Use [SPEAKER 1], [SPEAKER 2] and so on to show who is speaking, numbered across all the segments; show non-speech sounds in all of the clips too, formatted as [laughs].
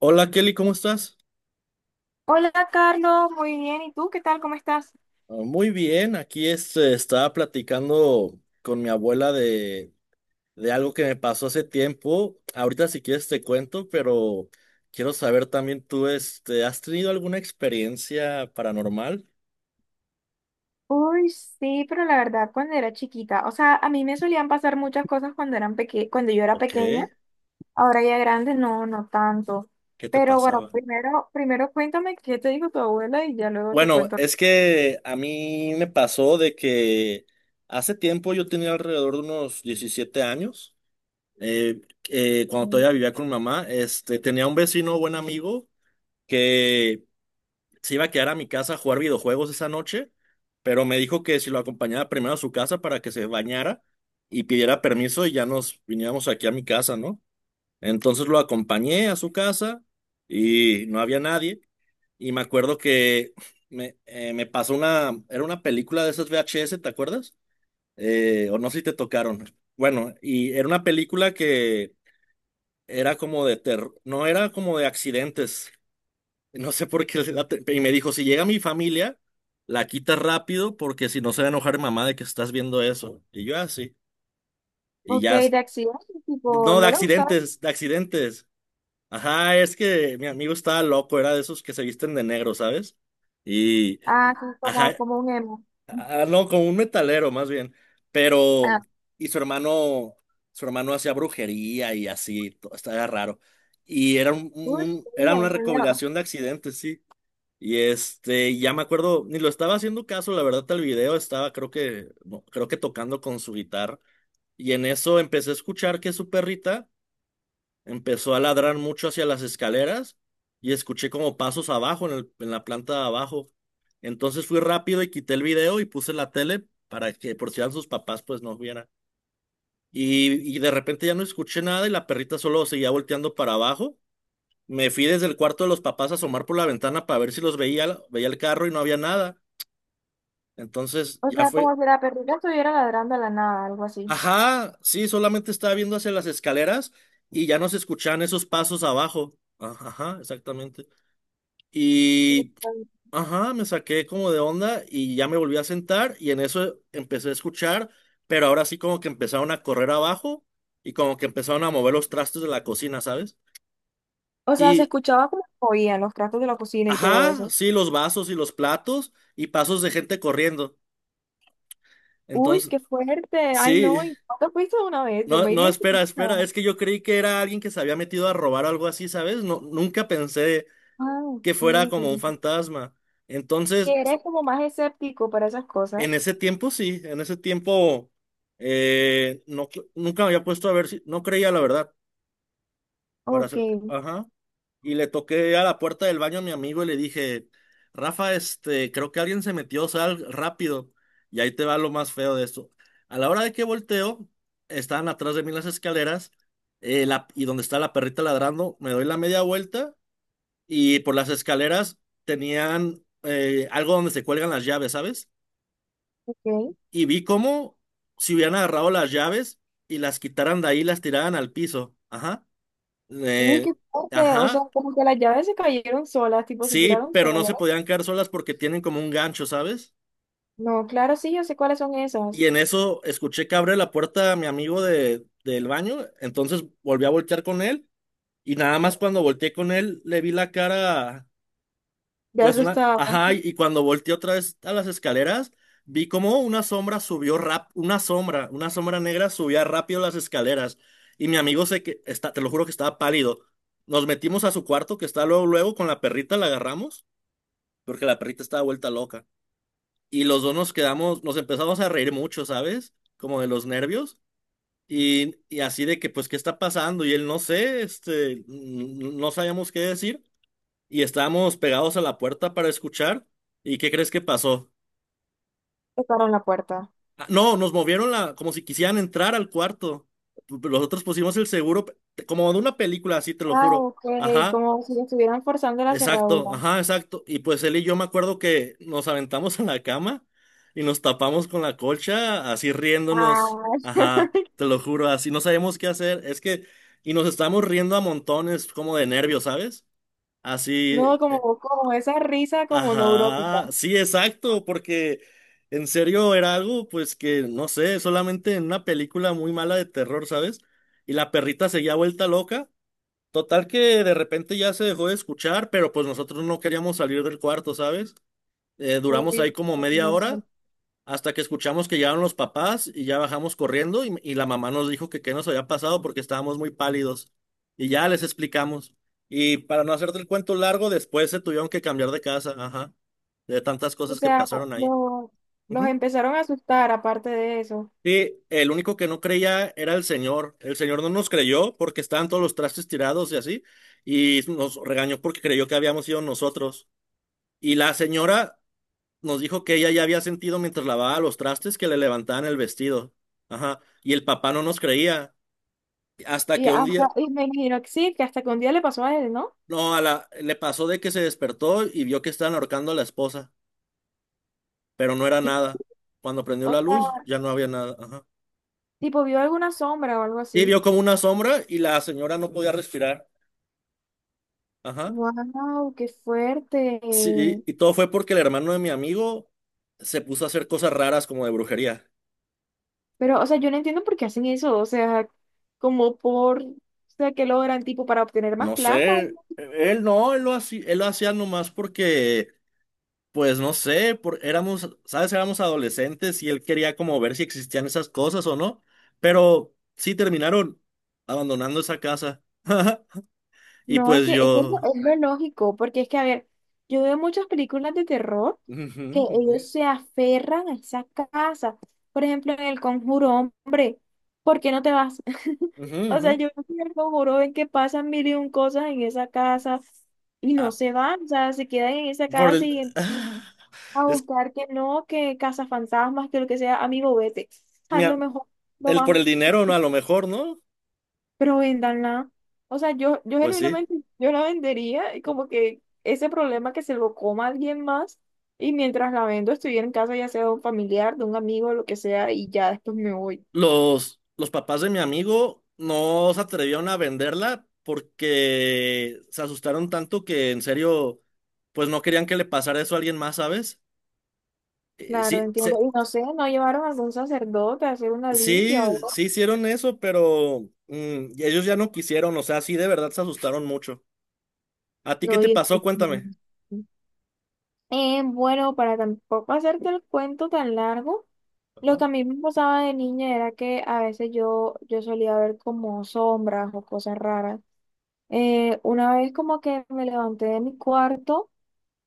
[SPEAKER 1] Hola Kelly, ¿cómo estás?
[SPEAKER 2] Hola Carlos, muy bien. ¿Y tú qué tal? ¿Cómo estás?
[SPEAKER 1] Muy bien, aquí estaba platicando con mi abuela de algo que me pasó hace tiempo. Ahorita si quieres te cuento, pero quiero saber también tú, ¿has tenido alguna experiencia paranormal?
[SPEAKER 2] Uy, sí, pero la verdad, cuando era chiquita, o sea, a mí me solían pasar muchas cosas cuando yo era
[SPEAKER 1] Ok,
[SPEAKER 2] pequeña.
[SPEAKER 1] ¿qué
[SPEAKER 2] Ahora ya grande, no, no tanto.
[SPEAKER 1] te
[SPEAKER 2] Pero bueno,
[SPEAKER 1] pasaba?
[SPEAKER 2] primero cuéntame qué te dijo tu abuela y ya luego te
[SPEAKER 1] Bueno,
[SPEAKER 2] cuento.
[SPEAKER 1] es que a mí me pasó de que hace tiempo yo tenía alrededor de unos 17 años, eh, cuando
[SPEAKER 2] Mm.
[SPEAKER 1] todavía vivía con mi mamá, tenía un vecino, buen amigo que se iba a quedar a mi casa a jugar videojuegos esa noche, pero me dijo que si lo acompañaba primero a su casa para que se bañara y pidiera permiso y ya nos viniéramos aquí a mi casa, ¿no? Entonces lo acompañé a su casa y no había nadie. Y me acuerdo que [laughs] me pasó una, era una película de esas VHS, ¿te acuerdas? O no sé si te tocaron. Bueno, y era una película que era como de terror, no era como de accidentes, no sé por qué. Y me dijo, si llega mi familia, la quita rápido porque si no se va a enojar mi mamá de que estás viendo eso. Y yo así. Y
[SPEAKER 2] Ok,
[SPEAKER 1] ya.
[SPEAKER 2] de accidente, tipo,
[SPEAKER 1] No, de
[SPEAKER 2] no le gustaba.
[SPEAKER 1] accidentes, de accidentes. Ajá, es que mi amigo estaba loco, era de esos que se visten de negro, ¿sabes?
[SPEAKER 2] Ah, sí, como,
[SPEAKER 1] Ajá,
[SPEAKER 2] como un emo.
[SPEAKER 1] ah, no, como un metalero más bien. Pero,
[SPEAKER 2] Ah,
[SPEAKER 1] y su hermano hacía brujería y así, estaba raro. Y era
[SPEAKER 2] uy, sí,
[SPEAKER 1] era una
[SPEAKER 2] no, qué.
[SPEAKER 1] recopilación de accidentes, sí. Y ya me acuerdo, ni lo estaba haciendo caso, la verdad, al video estaba, creo que, no, creo que tocando con su guitarra. Y en eso empecé a escuchar que su perrita empezó a ladrar mucho hacia las escaleras y escuché como pasos abajo, en la planta de abajo. Entonces fui rápido y quité el video y puse la tele para que por si eran sus papás, pues no vieran. Y de repente ya no escuché nada y la perrita solo seguía volteando para abajo. Me fui desde el cuarto de los papás a asomar por la ventana para ver si los veía, veía el carro y no había nada. Entonces
[SPEAKER 2] O
[SPEAKER 1] ya
[SPEAKER 2] sea,
[SPEAKER 1] fue.
[SPEAKER 2] como si la perrita estuviera ladrando a la nada, algo así.
[SPEAKER 1] Ajá, sí, solamente estaba viendo hacia las escaleras y ya no se escuchaban esos pasos abajo. Ah, ajá, exactamente. Y, ajá, me saqué como de onda y ya me volví a sentar y en eso empecé a escuchar, pero ahora sí como que empezaron a correr abajo y como que empezaron a mover los trastes de la cocina, ¿sabes?
[SPEAKER 2] O sea, se
[SPEAKER 1] Y,
[SPEAKER 2] escuchaba como oían los tratos de la cocina y todo
[SPEAKER 1] ajá,
[SPEAKER 2] eso.
[SPEAKER 1] sí, los vasos y los platos y pasos de gente corriendo.
[SPEAKER 2] Uy,
[SPEAKER 1] Entonces,
[SPEAKER 2] qué fuerte. Ay, no,
[SPEAKER 1] sí.
[SPEAKER 2] ¿y no te fuiste de una vez? Yo
[SPEAKER 1] No,
[SPEAKER 2] me
[SPEAKER 1] no,
[SPEAKER 2] iría
[SPEAKER 1] espera,
[SPEAKER 2] enseguida.
[SPEAKER 1] espera. Es que yo creí que era alguien que se había metido a robar o algo así, ¿sabes? No, nunca pensé
[SPEAKER 2] Ah,
[SPEAKER 1] que
[SPEAKER 2] ok.
[SPEAKER 1] fuera como un fantasma. Entonces,
[SPEAKER 2] Que eres como más escéptico para esas cosas.
[SPEAKER 1] en ese tiempo sí, en ese tiempo no, nunca me había puesto a ver si, no creía la verdad para
[SPEAKER 2] Ok,
[SPEAKER 1] hacer. Ajá. Y le toqué a la puerta del baño a mi amigo y le dije, Rafa, creo que alguien se metió, sal rápido. Y ahí te va lo más feo de esto. A la hora de que volteo, estaban atrás de mí las escaleras, y donde está la perrita ladrando, me doy la media vuelta y por las escaleras tenían algo donde se cuelgan las llaves, ¿sabes?
[SPEAKER 2] ok.
[SPEAKER 1] Y vi cómo si hubieran agarrado las llaves y las quitaran de ahí, las tiraran al piso. Ajá.
[SPEAKER 2] Uy, qué
[SPEAKER 1] Eh,
[SPEAKER 2] fuerte. O sea,
[SPEAKER 1] ajá.
[SPEAKER 2] como que las llaves se cayeron solas, tipo se
[SPEAKER 1] Sí,
[SPEAKER 2] tiraron
[SPEAKER 1] pero
[SPEAKER 2] solas.
[SPEAKER 1] no se podían quedar solas porque tienen como un gancho, ¿sabes?
[SPEAKER 2] No, claro, sí, yo sé cuáles son esas.
[SPEAKER 1] Y en eso escuché que abre la puerta a mi amigo de, del baño, entonces volví a voltear con él y nada más cuando volteé con él le vi la cara,
[SPEAKER 2] Ya
[SPEAKER 1] pues una,
[SPEAKER 2] asustaba.
[SPEAKER 1] ajá, y cuando volteé otra vez a las escaleras, vi como una sombra una sombra, una sombra negra subía rápido las escaleras y mi amigo te lo juro que estaba pálido. Nos metimos a su cuarto que está luego, luego con la perrita la agarramos porque la perrita estaba vuelta loca. Y los dos nos quedamos, nos empezamos a reír mucho, ¿sabes? Como de los nervios. Y así de que, pues, ¿qué está pasando? Y él, no sé, no sabíamos qué decir. Y estábamos pegados a la puerta para escuchar. ¿Y qué crees que pasó?
[SPEAKER 2] Tocaron la puerta.
[SPEAKER 1] Ah, no, nos movieron la, como si quisieran entrar al cuarto. Nosotros pusimos el seguro, como de una película, así te lo
[SPEAKER 2] Ah,
[SPEAKER 1] juro.
[SPEAKER 2] ok,
[SPEAKER 1] Ajá.
[SPEAKER 2] como si estuvieran forzando la cerradura.
[SPEAKER 1] Exacto, ajá, exacto. Y pues él y yo me acuerdo que nos aventamos [laughs] en la cama y nos tapamos con la colcha, así riéndonos.
[SPEAKER 2] Ah,
[SPEAKER 1] Ajá, te lo juro, así no sabemos qué hacer. Es que, y nos estamos riendo a montones, como de nervios, ¿sabes?
[SPEAKER 2] no,
[SPEAKER 1] Así,
[SPEAKER 2] como, como esa risa como neurótica.
[SPEAKER 1] ajá, sí, exacto, porque en serio era algo, pues que, no sé, solamente en una película muy mala de terror, ¿sabes? Y la perrita seguía vuelta loca. Total que de repente ya se dejó de escuchar, pero pues nosotros no queríamos salir del cuarto, ¿sabes? Duramos
[SPEAKER 2] Uy,
[SPEAKER 1] ahí como media
[SPEAKER 2] no sé.
[SPEAKER 1] hora hasta que escuchamos que llegaron los papás y ya bajamos corriendo y la mamá nos dijo que qué nos había pasado porque estábamos muy pálidos y ya les explicamos. Y para no hacerte el cuento largo, después se tuvieron que cambiar de casa, ajá, de tantas
[SPEAKER 2] O
[SPEAKER 1] cosas que
[SPEAKER 2] sea,
[SPEAKER 1] pasaron ahí.
[SPEAKER 2] lo- los empezaron a asustar aparte de eso.
[SPEAKER 1] Sí, el único que no creía era el señor. El señor no nos creyó porque estaban todos los trastes tirados y así, y nos regañó porque creyó que habíamos sido nosotros. Y la señora nos dijo que ella ya había sentido mientras lavaba los trastes que le levantaban el vestido. Ajá. Y el papá no nos creía. Hasta que un día,
[SPEAKER 2] Y me imagino que sí, que hasta que un día le pasó a él, ¿no?
[SPEAKER 1] no, le pasó de que se despertó y vio que estaban ahorcando a la esposa, pero no era nada. Cuando prendió
[SPEAKER 2] O
[SPEAKER 1] la luz,
[SPEAKER 2] sea,
[SPEAKER 1] ya no había nada. Ajá.
[SPEAKER 2] tipo vio alguna sombra o algo
[SPEAKER 1] Y
[SPEAKER 2] así.
[SPEAKER 1] vio como una sombra y la señora no podía respirar. Ajá.
[SPEAKER 2] Wow, qué fuerte.
[SPEAKER 1] Sí, y todo fue porque el hermano de mi amigo se puso a hacer cosas raras como de brujería.
[SPEAKER 2] Pero, o sea, yo no entiendo por qué hacen eso. O sea, como por, o sea, que logran tipo para obtener más
[SPEAKER 1] No
[SPEAKER 2] plata.
[SPEAKER 1] sé, él no, él lo hacía nomás porque, pues no sé, por, éramos, ¿sabes? Éramos adolescentes y él quería como ver si existían esas cosas o no, pero sí terminaron abandonando esa casa. [laughs] Y
[SPEAKER 2] No, es
[SPEAKER 1] pues
[SPEAKER 2] que, es que es lo,
[SPEAKER 1] yo...
[SPEAKER 2] es lo lógico, porque es que, a ver, yo veo muchas películas de terror
[SPEAKER 1] Ujú,
[SPEAKER 2] que
[SPEAKER 1] ujú,
[SPEAKER 2] ellos se aferran a esa casa. Por ejemplo, en El Conjuro, hombre, ¿por qué no te vas?
[SPEAKER 1] ujú,
[SPEAKER 2] [laughs] O
[SPEAKER 1] ujú.
[SPEAKER 2] sea, yo veo que en El Conjuro ven que pasan mil y un cosas en esa casa y no
[SPEAKER 1] Ah,
[SPEAKER 2] se van, o sea, se quedan en esa
[SPEAKER 1] por
[SPEAKER 2] casa
[SPEAKER 1] el... [laughs] [sighs]
[SPEAKER 2] a
[SPEAKER 1] Es,
[SPEAKER 2] buscar que no, que cazafantasmas, que lo que sea, amigo, vete. A
[SPEAKER 1] mira,
[SPEAKER 2] lo mejor, lo
[SPEAKER 1] el por
[SPEAKER 2] más.
[SPEAKER 1] el dinero, ¿no? A lo mejor, ¿no?
[SPEAKER 2] Pero véndanla. O sea, yo
[SPEAKER 1] Pues sí.
[SPEAKER 2] genuinamente, yo la vendería y como que ese problema que se lo coma alguien más y mientras la vendo estuviera en casa ya sea de un familiar, de un amigo, lo que sea, y ya después me voy.
[SPEAKER 1] Los papás de mi amigo no se atrevieron a venderla porque se asustaron tanto que en serio, pues no querían que le pasara eso a alguien más, ¿sabes?
[SPEAKER 2] Claro,
[SPEAKER 1] Sí,
[SPEAKER 2] entiendo. Y no sé, no llevaron a algún sacerdote a hacer una limpia o
[SPEAKER 1] sí,
[SPEAKER 2] algo.
[SPEAKER 1] sí hicieron eso, pero ellos ya no quisieron, o sea, sí de verdad se asustaron mucho. ¿A ti qué
[SPEAKER 2] No,
[SPEAKER 1] te
[SPEAKER 2] y
[SPEAKER 1] pasó?
[SPEAKER 2] esto-
[SPEAKER 1] Cuéntame.
[SPEAKER 2] Bueno, para tampoco hacerte el cuento tan largo, lo
[SPEAKER 1] Ajá.
[SPEAKER 2] que a mí me pasaba de niña era que a veces yo solía ver como sombras o cosas raras. Una vez como que me levanté de mi cuarto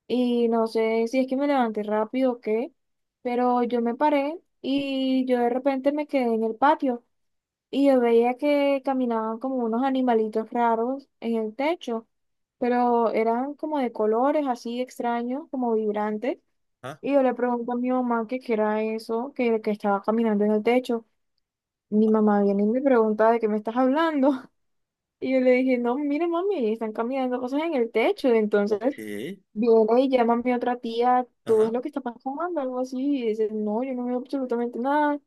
[SPEAKER 2] y no sé si es que me levanté rápido o qué, pero yo me paré y yo de repente me quedé en el patio y yo veía que caminaban como unos animalitos raros en el techo, pero eran como de colores así extraños, como vibrantes.
[SPEAKER 1] Ah,
[SPEAKER 2] Y yo le pregunto a mi mamá que qué era eso, que estaba caminando en el techo. Mi mamá viene y me pregunta de qué me estás hablando. Y yo le dije, no, mire, mami, están cambiando cosas en el techo. Entonces,
[SPEAKER 1] ok.
[SPEAKER 2] viene y llama a mi otra tía, ¿tú ves
[SPEAKER 1] Ajá.
[SPEAKER 2] lo que está pasando? Algo así. Y dice, no, yo no veo absolutamente nada.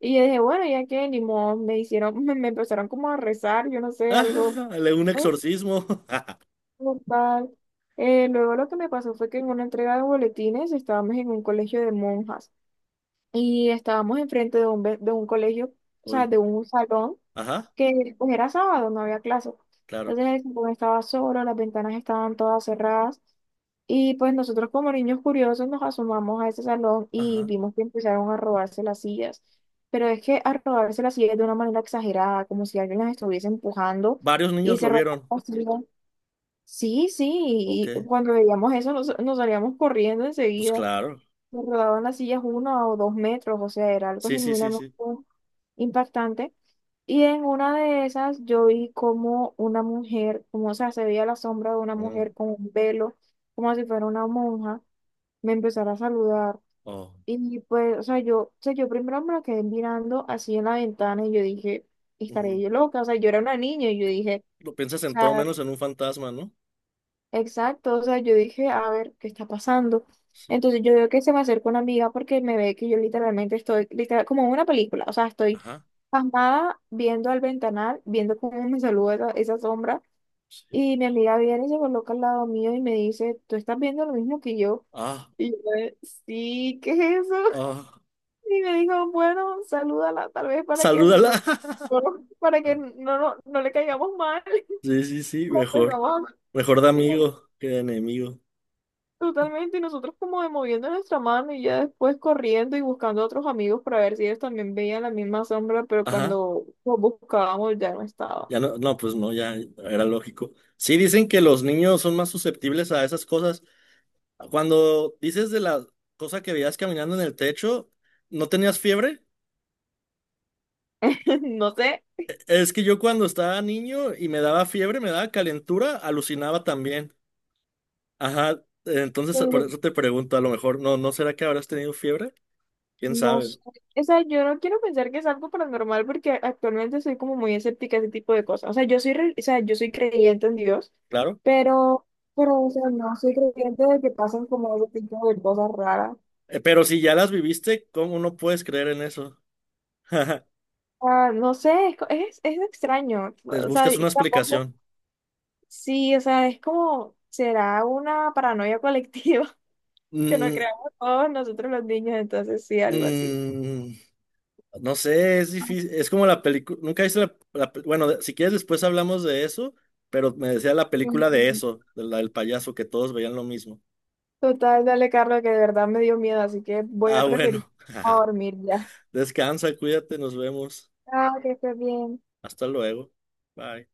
[SPEAKER 2] Y yo dije, bueno, ya que ni modo, me hicieron, [laughs] me empezaron como a rezar, yo no
[SPEAKER 1] [laughs]
[SPEAKER 2] sé, algo,
[SPEAKER 1] Ajá, un
[SPEAKER 2] ¿no?
[SPEAKER 1] exorcismo. [laughs]
[SPEAKER 2] Como tal. Luego lo que me pasó fue que en una entrega de boletines estábamos en un colegio de monjas y estábamos enfrente de de un colegio, o sea,
[SPEAKER 1] Uy.
[SPEAKER 2] de un salón
[SPEAKER 1] Ajá,
[SPEAKER 2] que pues era sábado, no había clases.
[SPEAKER 1] claro.
[SPEAKER 2] Entonces el salón estaba solo, las ventanas estaban todas cerradas y pues nosotros como niños curiosos nos asomamos a ese salón y
[SPEAKER 1] Ajá.
[SPEAKER 2] vimos que empezaron a robarse las sillas. Pero es que a robarse las sillas de una manera exagerada, como si alguien las estuviese empujando
[SPEAKER 1] Varios
[SPEAKER 2] y
[SPEAKER 1] niños
[SPEAKER 2] se
[SPEAKER 1] lo
[SPEAKER 2] robaban
[SPEAKER 1] vieron.
[SPEAKER 2] las sillas. Sí,
[SPEAKER 1] Ok,
[SPEAKER 2] sí, y cuando veíamos eso nos salíamos corriendo
[SPEAKER 1] pues
[SPEAKER 2] enseguida.
[SPEAKER 1] claro.
[SPEAKER 2] Me rodaban las sillas 1 o 2 metros, o sea, era algo
[SPEAKER 1] Sí, sí, sí,
[SPEAKER 2] genuinamente
[SPEAKER 1] sí.
[SPEAKER 2] impactante. Y en una de esas yo vi como una mujer, como, o sea, se veía la sombra de una
[SPEAKER 1] Mm.
[SPEAKER 2] mujer con un velo, como si fuera una monja, me empezara a saludar.
[SPEAKER 1] Oh,
[SPEAKER 2] Y pues, o sea, yo primero me la quedé mirando así en la ventana y yo dije, estaré
[SPEAKER 1] ujú.
[SPEAKER 2] yo loca, o sea, yo era una niña y yo dije,
[SPEAKER 1] Lo piensas
[SPEAKER 2] o
[SPEAKER 1] en todo
[SPEAKER 2] sea.
[SPEAKER 1] menos en un fantasma, ¿no?
[SPEAKER 2] Exacto, o sea, yo dije, a ver, ¿qué está pasando?
[SPEAKER 1] Sí.
[SPEAKER 2] Entonces yo veo que se me acerca una amiga porque me ve que yo literalmente estoy, literal, como en una película, o sea, estoy
[SPEAKER 1] Ajá.
[SPEAKER 2] pasmada viendo al ventanal, viendo cómo me saluda esa sombra,
[SPEAKER 1] Sí.
[SPEAKER 2] y mi amiga viene y se coloca al lado mío y me dice, ¿tú estás viendo lo mismo que yo?
[SPEAKER 1] Ah,
[SPEAKER 2] Y yo, sí, ¿qué es eso? [laughs]
[SPEAKER 1] ah.
[SPEAKER 2] Y me dijo, bueno, salúdala tal vez para que
[SPEAKER 1] Salúdala.
[SPEAKER 2] no,
[SPEAKER 1] [laughs]
[SPEAKER 2] [laughs] para que no, no, no le caigamos mal.
[SPEAKER 1] Sí, sí, sí,
[SPEAKER 2] [laughs]
[SPEAKER 1] mejor.
[SPEAKER 2] Empezamos
[SPEAKER 1] Mejor de
[SPEAKER 2] a-
[SPEAKER 1] amigo que de enemigo.
[SPEAKER 2] Totalmente, y nosotros como de moviendo nuestra mano y ya después corriendo y buscando a otros amigos para ver si ellos también veían la misma sombra, pero
[SPEAKER 1] Ajá.
[SPEAKER 2] cuando los buscábamos ya no estaba.
[SPEAKER 1] Ya no, no, pues no, ya era lógico. Sí, dicen que los niños son más susceptibles a esas cosas. Cuando dices de la cosa que veías caminando en el techo, ¿no tenías fiebre?
[SPEAKER 2] [laughs] No sé,
[SPEAKER 1] Es que yo cuando estaba niño y me daba fiebre, me daba calentura, alucinaba también. Ajá, entonces por
[SPEAKER 2] pero
[SPEAKER 1] eso te pregunto, a lo mejor, no, ¿no será que habrás tenido fiebre? ¿Quién
[SPEAKER 2] no
[SPEAKER 1] sabe?
[SPEAKER 2] sé. O sea, yo no quiero pensar que es algo paranormal porque actualmente soy como muy escéptica a ese tipo de cosas. O sea, o sea, yo soy creyente en Dios,
[SPEAKER 1] Claro.
[SPEAKER 2] pero, pero, o sea, no soy creyente de que pasan como ese tipo de cosas raras.
[SPEAKER 1] Pero si ya las viviste, ¿cómo no puedes creer en eso? [laughs]
[SPEAKER 2] Ah, no sé, es extraño.
[SPEAKER 1] Les
[SPEAKER 2] O sea,
[SPEAKER 1] buscas
[SPEAKER 2] y
[SPEAKER 1] una
[SPEAKER 2] tampoco.
[SPEAKER 1] explicación.
[SPEAKER 2] Sí, o sea, es como, será una paranoia colectiva [laughs] que nos
[SPEAKER 1] Mm,
[SPEAKER 2] creamos todos nosotros los niños, entonces sí, algo así.
[SPEAKER 1] mm, no sé, es difícil, es como la película, nunca viste bueno, si quieres después hablamos de eso, pero me decía la película de
[SPEAKER 2] Mm.
[SPEAKER 1] eso, de la del payaso, que todos veían lo mismo.
[SPEAKER 2] Total, dale, Carlos, que de verdad me dio miedo, así que voy a
[SPEAKER 1] Ah,
[SPEAKER 2] preferir
[SPEAKER 1] bueno.
[SPEAKER 2] a
[SPEAKER 1] [laughs]
[SPEAKER 2] dormir ya.
[SPEAKER 1] Descansa, cuídate, nos vemos.
[SPEAKER 2] Ah, que estés bien.
[SPEAKER 1] Hasta luego. Bye.